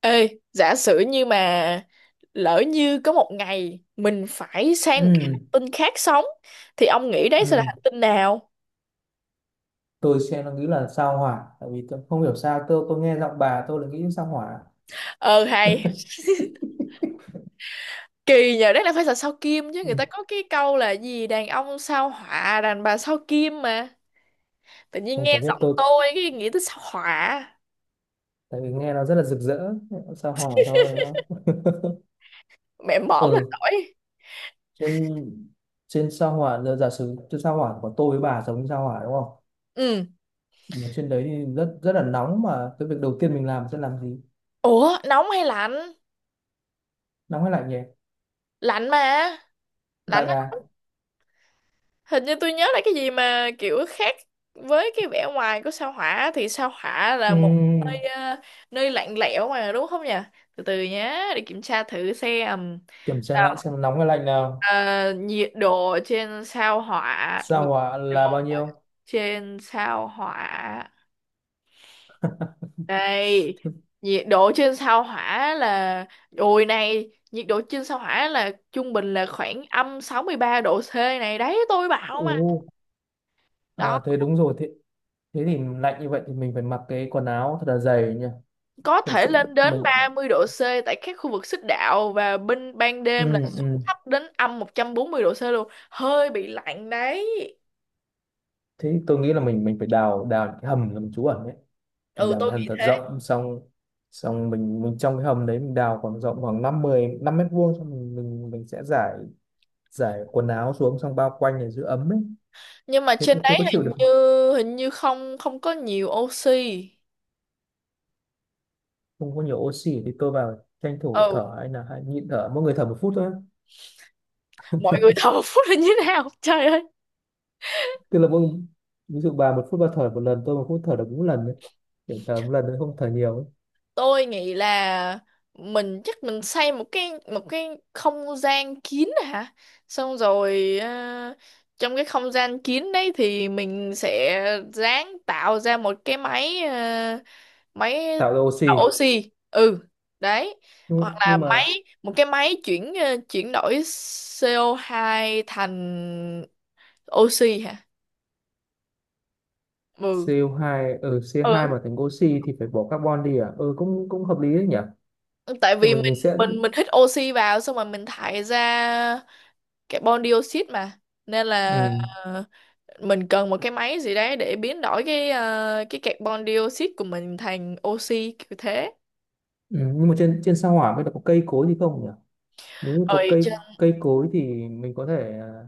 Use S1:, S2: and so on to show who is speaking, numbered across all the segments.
S1: Ê, giả sử như mà lỡ như có một ngày mình phải sang một cái
S2: Ừ,
S1: hành tinh khác sống thì ông nghĩ đấy sẽ là
S2: ừ.
S1: hành tinh nào?
S2: Tôi xem nó nghĩ là sao hỏa, tại vì tôi không hiểu sao tôi nghe giọng bà tôi là nghĩ sao hỏa.
S1: Ờ hay, kỳ nhờ đấy là phải là sao Kim chứ,
S2: ừ.
S1: người ta có cái câu là gì, đàn ông sao hỏa, đàn bà sao Kim mà. Tự nhiên
S2: Không,
S1: nghe
S2: chả biết
S1: giọng
S2: tôi,
S1: tôi cái nghĩ tới sao hỏa,
S2: tại vì nghe nó rất là rực rỡ. Sao hỏa thôi, đúng không?
S1: mẹ mõm là
S2: ừ
S1: nổi.
S2: Trên, trên sao hỏa, là giả sử trên sao hỏa của tôi với bà giống như sao hỏa đúng không,
S1: Ừ.
S2: mà trên đấy thì rất rất là nóng, mà cái việc đầu tiên mình làm sẽ làm gì?
S1: Ủa, nóng hay lạnh?
S2: Nóng hay lạnh nhỉ?
S1: Lạnh mà. Lạnh,
S2: Lạnh à.
S1: hình như tôi nhớ là cái gì mà kiểu khác với cái vẻ ngoài của sao hỏa, thì sao hỏa
S2: ừ.
S1: là một nơi nơi lạnh lẽo mà đúng không nhỉ? Từ từ nhé, để kiểm tra thử xem.
S2: Kiểm tra lại
S1: Nào,
S2: xem nóng hay lạnh nào.
S1: nhiệt độ trên sao hỏa,
S2: Sao
S1: nhiệt
S2: hỏa là
S1: độ
S2: bao nhiêu?
S1: trên sao hỏa đây. Nhiệt độ trên sao hỏa là, ôi này, nhiệt độ trên sao hỏa là trung bình là khoảng âm 63 độ C này, đấy tôi bảo mà.
S2: Ồ,
S1: Đó,
S2: à, thế đúng rồi. Thế Thế thì lạnh như vậy thì mình phải mặc cái quần áo thật là dày nha.
S1: có
S2: Thật
S1: thể
S2: sự
S1: lên đến
S2: mình,
S1: 30 độ C tại các khu vực xích đạo, và bên ban
S2: ừ,
S1: đêm là
S2: ừ.
S1: xuống thấp đến âm 140 độ C luôn, hơi bị lạnh đấy.
S2: thế thì tôi nghĩ là mình phải đào đào những cái hầm làm trú ẩn đấy. Mình
S1: Ừ,
S2: đào
S1: tôi
S2: cái hầm
S1: nghĩ
S2: thật
S1: thế.
S2: rộng xong, xong mình trong cái hầm đấy mình đào khoảng rộng khoảng năm mười năm mét vuông, xong mình sẽ giải, giải quần áo xuống xong bao quanh để giữ ấm ấy.
S1: Nhưng mà trên
S2: Thế
S1: đấy
S2: có chịu được
S1: hình
S2: không?
S1: như, hình như không không có nhiều oxy.
S2: Không có nhiều oxy thì tôi vào tranh thủ
S1: Ừ,
S2: thở, hay là hay nhịn thở, mỗi người thở một phút thôi.
S1: mọi người thở phút là như thế nào? Trời ơi.
S2: Tức là mỗi, ví dụ bà một phút bà thở một lần, tôi một phút thở được bốn lần đấy, kiểu thở một lần đấy, không thở nhiều ấy.
S1: Tôi nghĩ là mình chắc mình xây một cái không gian kín hả, xong rồi trong cái không gian kín đấy thì mình sẽ ráng tạo ra một cái máy, máy
S2: Tạo ra oxy.
S1: tạo oxy, ừ, đấy. Hoặc
S2: nhưng,
S1: là
S2: nhưng mà
S1: máy, một cái máy chuyển, chuyển đổi CO2 thành oxy hả? Ừ
S2: co hai ở co hai
S1: ừ,
S2: mà thành oxy thì phải bỏ carbon đi à, ừ cũng cũng hợp lý đấy nhỉ.
S1: tại
S2: Nhưng
S1: vì
S2: mà
S1: mình,
S2: mình sẽ,
S1: mình hít oxy vào xong rồi mình thải ra carbon dioxide mà, nên là
S2: ừ,
S1: ờ, mình cần một cái máy gì đấy để biến đổi cái cái carbon dioxide của mình thành oxy, kiểu thế.
S2: ừ. nhưng mà trên, trên sao hỏa bây giờ có cây cối gì không nhỉ? Nếu như có
S1: Rồi chứ-
S2: cây cây cối thì mình có thể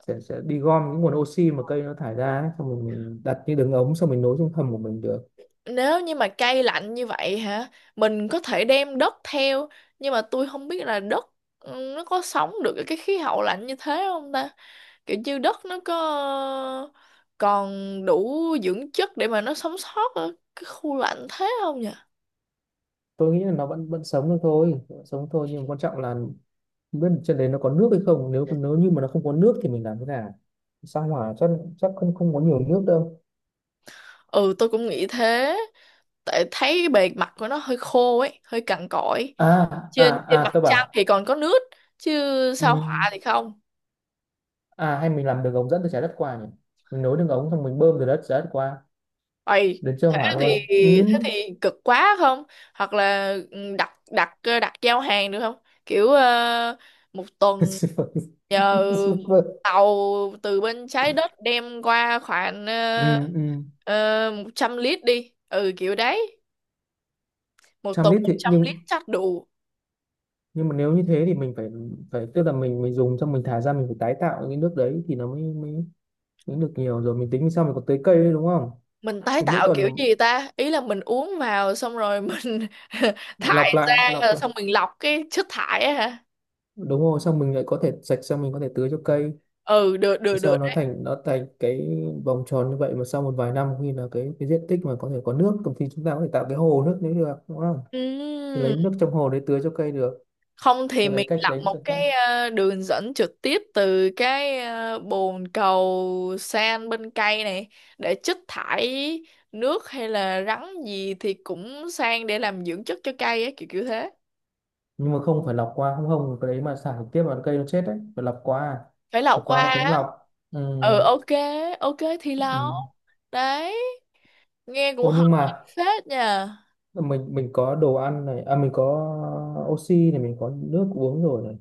S2: sẽ đi gom những nguồn oxy mà cây nó thải ra ấy, xong rồi mình đặt như đường ống xong mình nối trong hầm của mình được.
S1: nếu như mà cây lạnh như vậy hả, mình có thể đem đất theo. Nhưng mà tôi không biết là đất, ừ, nó có sống được ở cái khí hậu lạnh như thế không ta, kiểu như đất nó có ờ, còn đủ dưỡng chất để mà nó sống sót ở cái khu lạnh thế không nhỉ.
S2: Tôi nghĩ là nó vẫn vẫn sống được thôi, vẫn sống thôi, nhưng mà quan trọng là không biết trên đấy nó có nước hay không. Nếu, nếu như mà nó không có nước thì mình làm thế nào? Sao hỏa chắc, chắc không, không có nhiều nước đâu.
S1: Ừ, tôi cũng nghĩ thế, tại thấy bề mặt của nó hơi khô ấy, hơi cằn cỗi.
S2: À, à,
S1: Trên trên
S2: à,
S1: mặt
S2: tôi
S1: trăng
S2: bảo
S1: thì còn có nước chứ, sao họa
S2: ừm,
S1: thì không.
S2: à hay mình làm đường ống dẫn từ trái đất qua nhỉ? Mình nối đường ống xong mình bơm từ đất trái đất qua,
S1: Ây,
S2: đến chơi
S1: thế
S2: hỏa
S1: thì,
S2: luôn.
S1: thế
S2: Ừm.
S1: thì cực quá không? Hoặc là, ừ, đặt, đặt giao hàng được không? Kiểu một tuần
S2: Super,
S1: nhờ
S2: super.
S1: tàu từ bên trái đất đem qua khoảng
S2: Ừm, ừm.
S1: 100 lít đi, ừ kiểu đấy, một
S2: Trăm
S1: tuần
S2: lít
S1: một
S2: thì
S1: trăm lít
S2: nhưng
S1: chắc đủ.
S2: nhưng mà nếu như thế thì mình phải, phải tức là mình dùng xong mình thải ra, mình phải tái tạo cái nước đấy thì nó mới, mới, mới được nhiều. Rồi mình tính sao mình còn tưới cây nữa đúng không?
S1: Mình tái
S2: Thì mỗi
S1: tạo kiểu
S2: tuần
S1: gì ta, ý là mình uống vào xong rồi mình thải
S2: lọc lại,
S1: ra
S2: lọc
S1: rồi
S2: lại.
S1: xong mình lọc cái chất thải á hả?
S2: Đúng rồi, xong mình lại có thể sạch, xong mình có thể tưới cho cây.
S1: Ừ, được được được
S2: Sau nó
S1: đấy.
S2: thành, nó thành cái vòng tròn như vậy, mà sau một vài năm khi là cái diện tích mà có thể có nước thì chúng ta có thể tạo cái hồ nước nếu được đúng không? Thì
S1: Ừm,
S2: lấy nước trong hồ đấy tưới cho cây được.
S1: không thì
S2: Tôi lấy
S1: mình
S2: cách
S1: lọc
S2: đấy
S1: một
S2: chẳng hạn.
S1: cái đường dẫn trực tiếp từ cái bồn cầu san bên cây này, để chất thải nước hay là rắn gì thì cũng sang để làm dưỡng chất cho cây á, kiểu kiểu thế.
S2: Nhưng mà không phải lọc qua không, không cái đấy mà xả trực tiếp vào cây nó chết đấy, phải lọc qua à?
S1: Phải
S2: Phải
S1: lọc
S2: qua
S1: qua
S2: hệ thống
S1: á?
S2: lọc. Ừ,
S1: Ừ, ok, ok thì
S2: ừ.
S1: lọc. Đấy, nghe cũng
S2: Ô
S1: hợp
S2: nhưng mà
S1: lý phết nha.
S2: mình có đồ ăn này, à mình có oxy này, mình có nước uống rồi này,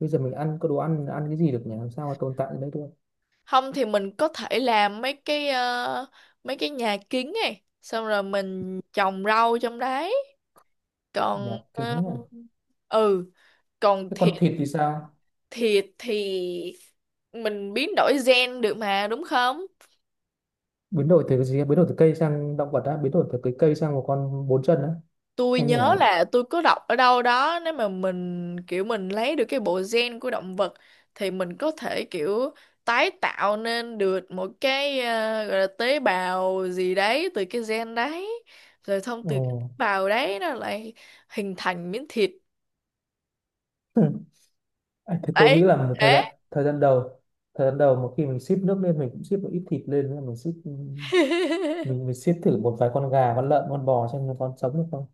S2: bây giờ mình ăn có đồ ăn ăn cái gì được nhỉ, làm sao mà tồn tại ở đây được?
S1: Không thì mình có thể làm mấy cái mấy cái nhà kính này xong rồi mình trồng rau trong đấy. Còn
S2: Nhà kính à.
S1: ừ, còn
S2: Thế
S1: thịt,
S2: con thịt thì sao?
S1: thịt thì mình biến đổi gen được mà, đúng không?
S2: Biến đổi từ cái gì? Biến đổi từ cây sang động vật á? Biến đổi từ cái cây sang một con bốn chân á?
S1: Tôi
S2: Hay như
S1: nhớ
S2: nào?
S1: là tôi có đọc ở đâu đó, nếu mà mình kiểu mình lấy được cái bộ gen của động vật thì mình có thể kiểu tái tạo nên được một cái gọi là tế bào gì đấy từ cái gen đấy, rồi thông từ cái tế bào đấy nó lại hình thành miếng thịt
S2: Ừ. À, thì tôi
S1: ấy
S2: nghĩ là một thời
S1: thế.
S2: gian, thời gian đầu, thời gian đầu một khi mình ship nước lên, mình cũng ship một ít thịt lên, là mình ship mình mình ship thử một vài con gà, con lợn, con bò xem nó còn sống được không.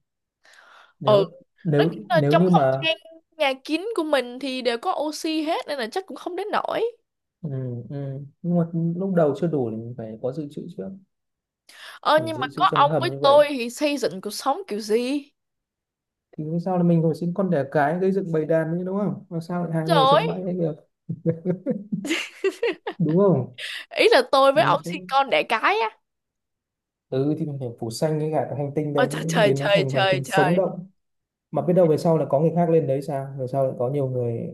S1: Ừ,
S2: Nếu,
S1: nó
S2: nếu
S1: cũng là
S2: nếu
S1: trong
S2: như
S1: không
S2: mà,
S1: gian nhà kín của mình thì đều có oxy hết, nên là chắc cũng không đến nổi.
S2: ừ, nhưng mà lúc đầu chưa đủ thì mình phải có dự trữ trước.
S1: Ờ,
S2: Mình
S1: nhưng mà
S2: dự trữ
S1: có
S2: trong
S1: ông
S2: cái hầm
S1: với
S2: như vậy,
S1: tôi thì xây dựng cuộc sống kiểu gì?
S2: thì vì sao là mình hồi sinh con đẻ cái, gây dựng bầy đàn như đúng không, mà sao lại hai người
S1: Rồi,
S2: sống mãi ấy được, đúng không?
S1: ý là tôi với ông sinh
S2: Không.
S1: con đẻ cái á?
S2: Ừ thì mình phải phủ xanh cái cả cái hành tinh
S1: Ôi
S2: đấy,
S1: trời trời
S2: biến nó
S1: trời
S2: thành một hành
S1: trời
S2: tinh sống
S1: trời.
S2: động. Mà biết đâu về sau là có người khác lên đấy sao, về sau lại có nhiều người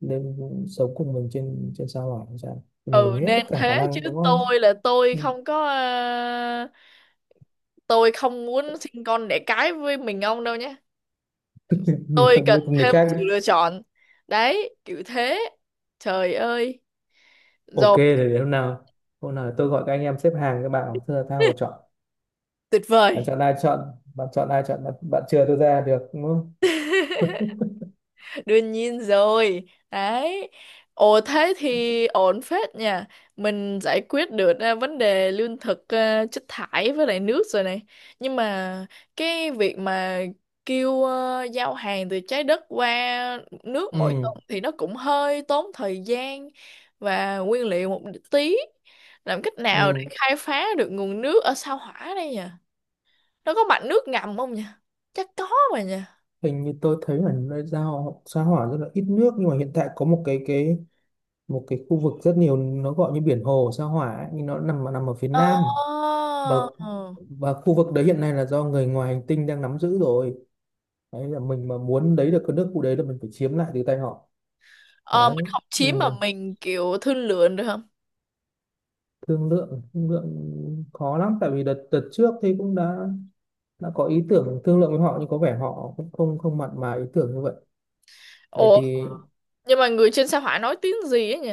S2: lên sống cùng mình trên, trên sao hỏa hay sao, mình
S1: Ừ
S2: nghĩ hết tất
S1: nên
S2: cả khả
S1: thế chứ,
S2: năng đúng không?
S1: tôi là tôi
S2: Ừ.
S1: không có tôi không muốn sinh con đẻ cái với mình ông đâu nhé.
S2: Mình
S1: Tôi
S2: cần
S1: cần
S2: với người
S1: thêm
S2: khác đi.
S1: sự lựa chọn, đấy kiểu thế. Trời ơi.
S2: Ok
S1: Rồi.
S2: thì để hôm nào, hôm nào tôi gọi các anh em xếp hàng, các bạn bảo, thưa là tao phải chọn.
S1: Tuyệt
S2: Bạn
S1: vời.
S2: chọn ai chọn, bạn chọn ai chọn bạn, bạn chừa tôi ra được đúng không?
S1: Đương nhiên rồi. Đấy. Ồ thế thì ổn phết nha. Mình giải quyết được vấn đề lương thực, chất thải với lại nước rồi này. Nhưng mà cái việc mà kêu giao hàng từ trái đất qua nước mỗi
S2: ừ
S1: tuần thì nó cũng hơi tốn thời gian và nguyên liệu một tí. Làm cách nào để
S2: ừ
S1: khai phá được nguồn nước ở sao Hỏa đây nhỉ? Nó có mạch nước ngầm không nhỉ? Chắc có mà nhỉ.
S2: Hình như tôi thấy là nơi giao sao hỏa rất là ít nước, nhưng mà hiện tại có một cái, một cái khu vực rất nhiều, nó gọi như biển hồ sao hỏa ấy, nhưng nó nằm nằm ở phía
S1: Ồ.
S2: nam. và và khu vực đấy hiện nay là do người ngoài hành tinh đang nắm giữ rồi. Đấy, là mình mà muốn lấy được cái nước khu đấy là mình phải chiếm lại từ tay họ.
S1: Ờ, mình
S2: Đấy,
S1: học chiếm
S2: nhưng mà
S1: mà mình kiểu thương lượng được không?
S2: thương lượng, thương lượng khó lắm, tại vì đợt, đợt trước thì cũng đã có ý tưởng thương lượng với họ, nhưng có vẻ họ cũng không, không mặn mà ý tưởng như vậy. Đấy
S1: Ủa,
S2: thì
S1: nhưng mà người trên sao hỏa nói tiếng gì á nhỉ?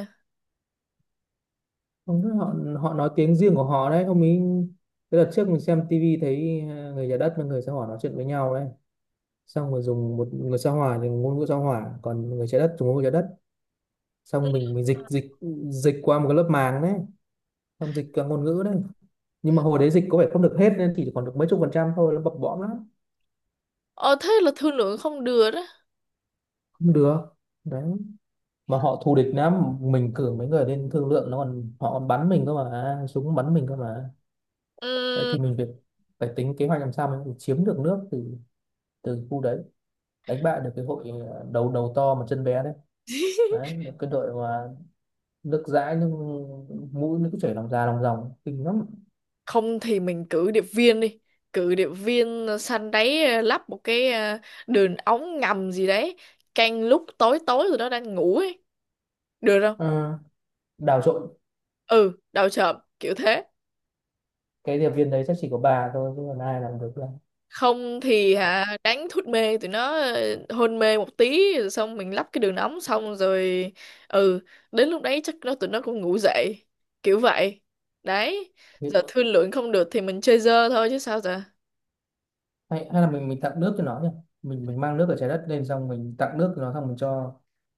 S2: không biết họ, họ nói tiếng riêng của họ đấy ông ấy. Cái đợt trước mình xem tivi thấy người nhà đất với người sao hỏa nói chuyện với nhau đấy, xong rồi dùng một người sao hỏa thì ngôn ngữ sao hỏa, còn người trái đất dùng ngôn ngữ trái đất,
S1: Ừ.
S2: xong mình dịch, dịch qua một cái lớp màng đấy, xong dịch cả ngôn ngữ đấy, nhưng mà hồi đấy dịch có vẻ không được hết, nên chỉ còn được mấy chục phần trăm thôi, nó bập bõm lắm.
S1: Ờ, thế là thương lượng không được đó.
S2: Không được. Đấy, mà họ thù địch lắm, mình cử mấy người lên thương lượng nó còn, họ còn bắn mình cơ mà, súng bắn mình cơ mà. Đấy
S1: Ừm,
S2: thì mình phải, phải tính kế hoạch làm sao mình chiếm được nước từ, từ khu đấy, đánh bại được cái hội đầu, đầu to mà chân bé đấy. Đấy, cái đội mà nước dãi, nước mũi nước chảy lòng già lòng dòng kinh lắm.
S1: không thì mình cử điệp viên đi. Cử điệp viên săn đáy, lắp một cái đường ống ngầm gì đấy. Canh lúc tối tối rồi đó đang ngủ ấy. Được không?
S2: Ờ, đào trộn.
S1: Ừ, đầu chợp kiểu thế.
S2: Cái điệp viên đấy chắc chỉ có bà thôi chứ còn ai làm được đâu.
S1: Không thì hả, đánh thuốc mê tụi nó, hôn mê một tí rồi xong mình lắp cái đường ống xong rồi, ừ, đến lúc đấy chắc nó tụi nó cũng ngủ dậy kiểu vậy. Đấy, giờ thương lượng không được thì mình chơi dơ thôi chứ sao giờ.
S2: Hay, hay là mình tặng nước cho nó nhỉ? Mình mang nước ở trái đất lên xong mình tặng nước cho nó, xong mình cho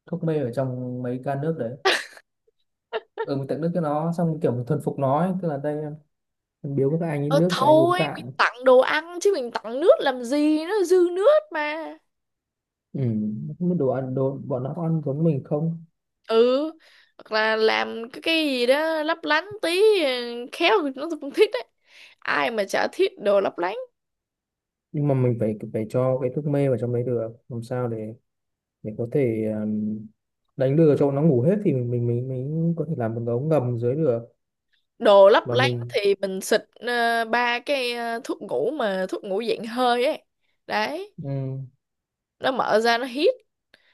S2: thuốc mê ở trong mấy can nước đấy. Ừ, mình tặng nước cho nó, xong kiểu mình thuần phục nó ấy. Tức là đây, em biếu các anh ấy
S1: Ờ
S2: nước, các anh uống
S1: thôi mình
S2: tạng.
S1: tặng đồ ăn chứ mình tặng nước làm gì, nó dư nước mà.
S2: Ừ, không biết đồ ăn đồ bọn nó ăn giống mình không.
S1: Ừ, hoặc là làm cái gì đó lấp lánh tí, khéo tụi nó cũng thích đấy, ai mà chả thích đồ lấp lánh.
S2: Nhưng mà mình phải, phải cho cái thuốc mê vào trong đấy được, làm sao để có thể đánh lừa cho nó ngủ hết, thì mình có thể làm một cái ống ngầm dưới được.
S1: Đồ lấp
S2: Và
S1: lánh
S2: mình,
S1: thì mình xịt ba cái thuốc ngủ, mà thuốc ngủ dạng hơi ấy. Đấy,
S2: ừ,
S1: nó mở ra nó hít.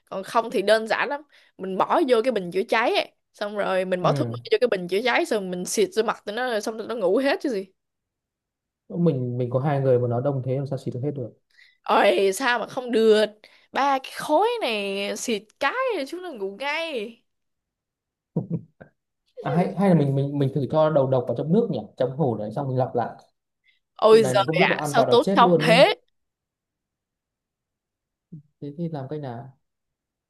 S1: Còn không thì đơn giản lắm, mình bỏ vô cái bình chữa cháy ấy, xong rồi mình bỏ thuốc mê
S2: ừ.
S1: vô cái bình chữa cháy, xong mình xịt vô mặt tụi nó rồi xong tụi nó ngủ hết chứ gì.
S2: mình có hai người mà nó đông thế làm sao xịt được hết được?
S1: Ôi sao mà không được, ba cái khối này xịt cái là chúng nó ngủ ngay.
S2: À, hay hay là mình thử cho đầu độc vào trong nước nhỉ, trong hồ đấy xong mình lọc lại. Tụi
S1: Ôi
S2: này nó
S1: giời
S2: không biết
S1: ạ,
S2: nó ăn
S1: sao
S2: vào nó
S1: tốn
S2: chết
S1: công
S2: luôn ý.
S1: thế.
S2: Thế thì làm cách nào?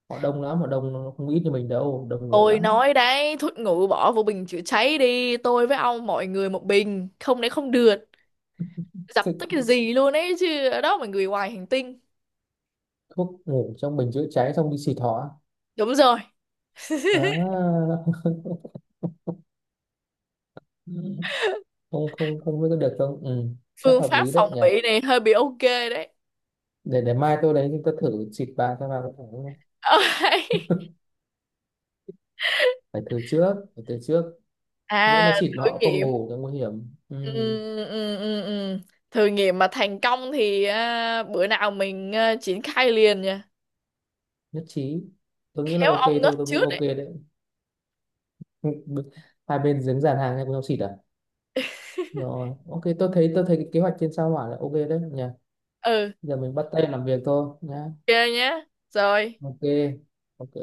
S2: Họ đông lắm, họ đông nó không ít như mình đâu, đông người
S1: Tôi
S2: lắm.
S1: nói đấy, thuốc ngủ bỏ vô bình chữa cháy đi, tôi với ông mọi người một bình, không đấy không được.
S2: Thế
S1: Dập tắt cái gì luôn ấy chứ, ở đó mà người ngoài hành tinh.
S2: thuốc ngủ trong bình chữa cháy xong đi xịt họ á?
S1: Đúng rồi.
S2: À, không không, không biết có được không, ừ, chắc
S1: Phương
S2: hợp
S1: pháp
S2: lý đấy
S1: phòng
S2: nhỉ.
S1: bị này hơi bị ok đấy.
S2: Để mai tôi đấy tôi thử xịt vào xem vào. Phải thử trước, phải thử trước, nhỡ
S1: À,
S2: mà xịt mà
S1: thử
S2: họ không
S1: nghiệm.
S2: ngủ thì nguy hiểm. Ừ,
S1: Ừ, ừ, ừ, ừ. Thử nghiệm mà thành công thì bữa nào mình triển khai liền nha.
S2: nhất trí. Tôi nghĩ là
S1: Khéo
S2: ok
S1: ông ngất
S2: thôi, tôi nghĩ
S1: trước
S2: ok
S1: đấy.
S2: đấy. Hai bên dính dàn hàng nhau cùng xịt à? Rồi, ok, tôi thấy cái kế hoạch trên sao hỏa là ok đấy nhỉ.
S1: Ừ,
S2: Giờ mình bắt tay làm việc thôi nhá.
S1: ok nhá. Rồi.
S2: Ok. Ok.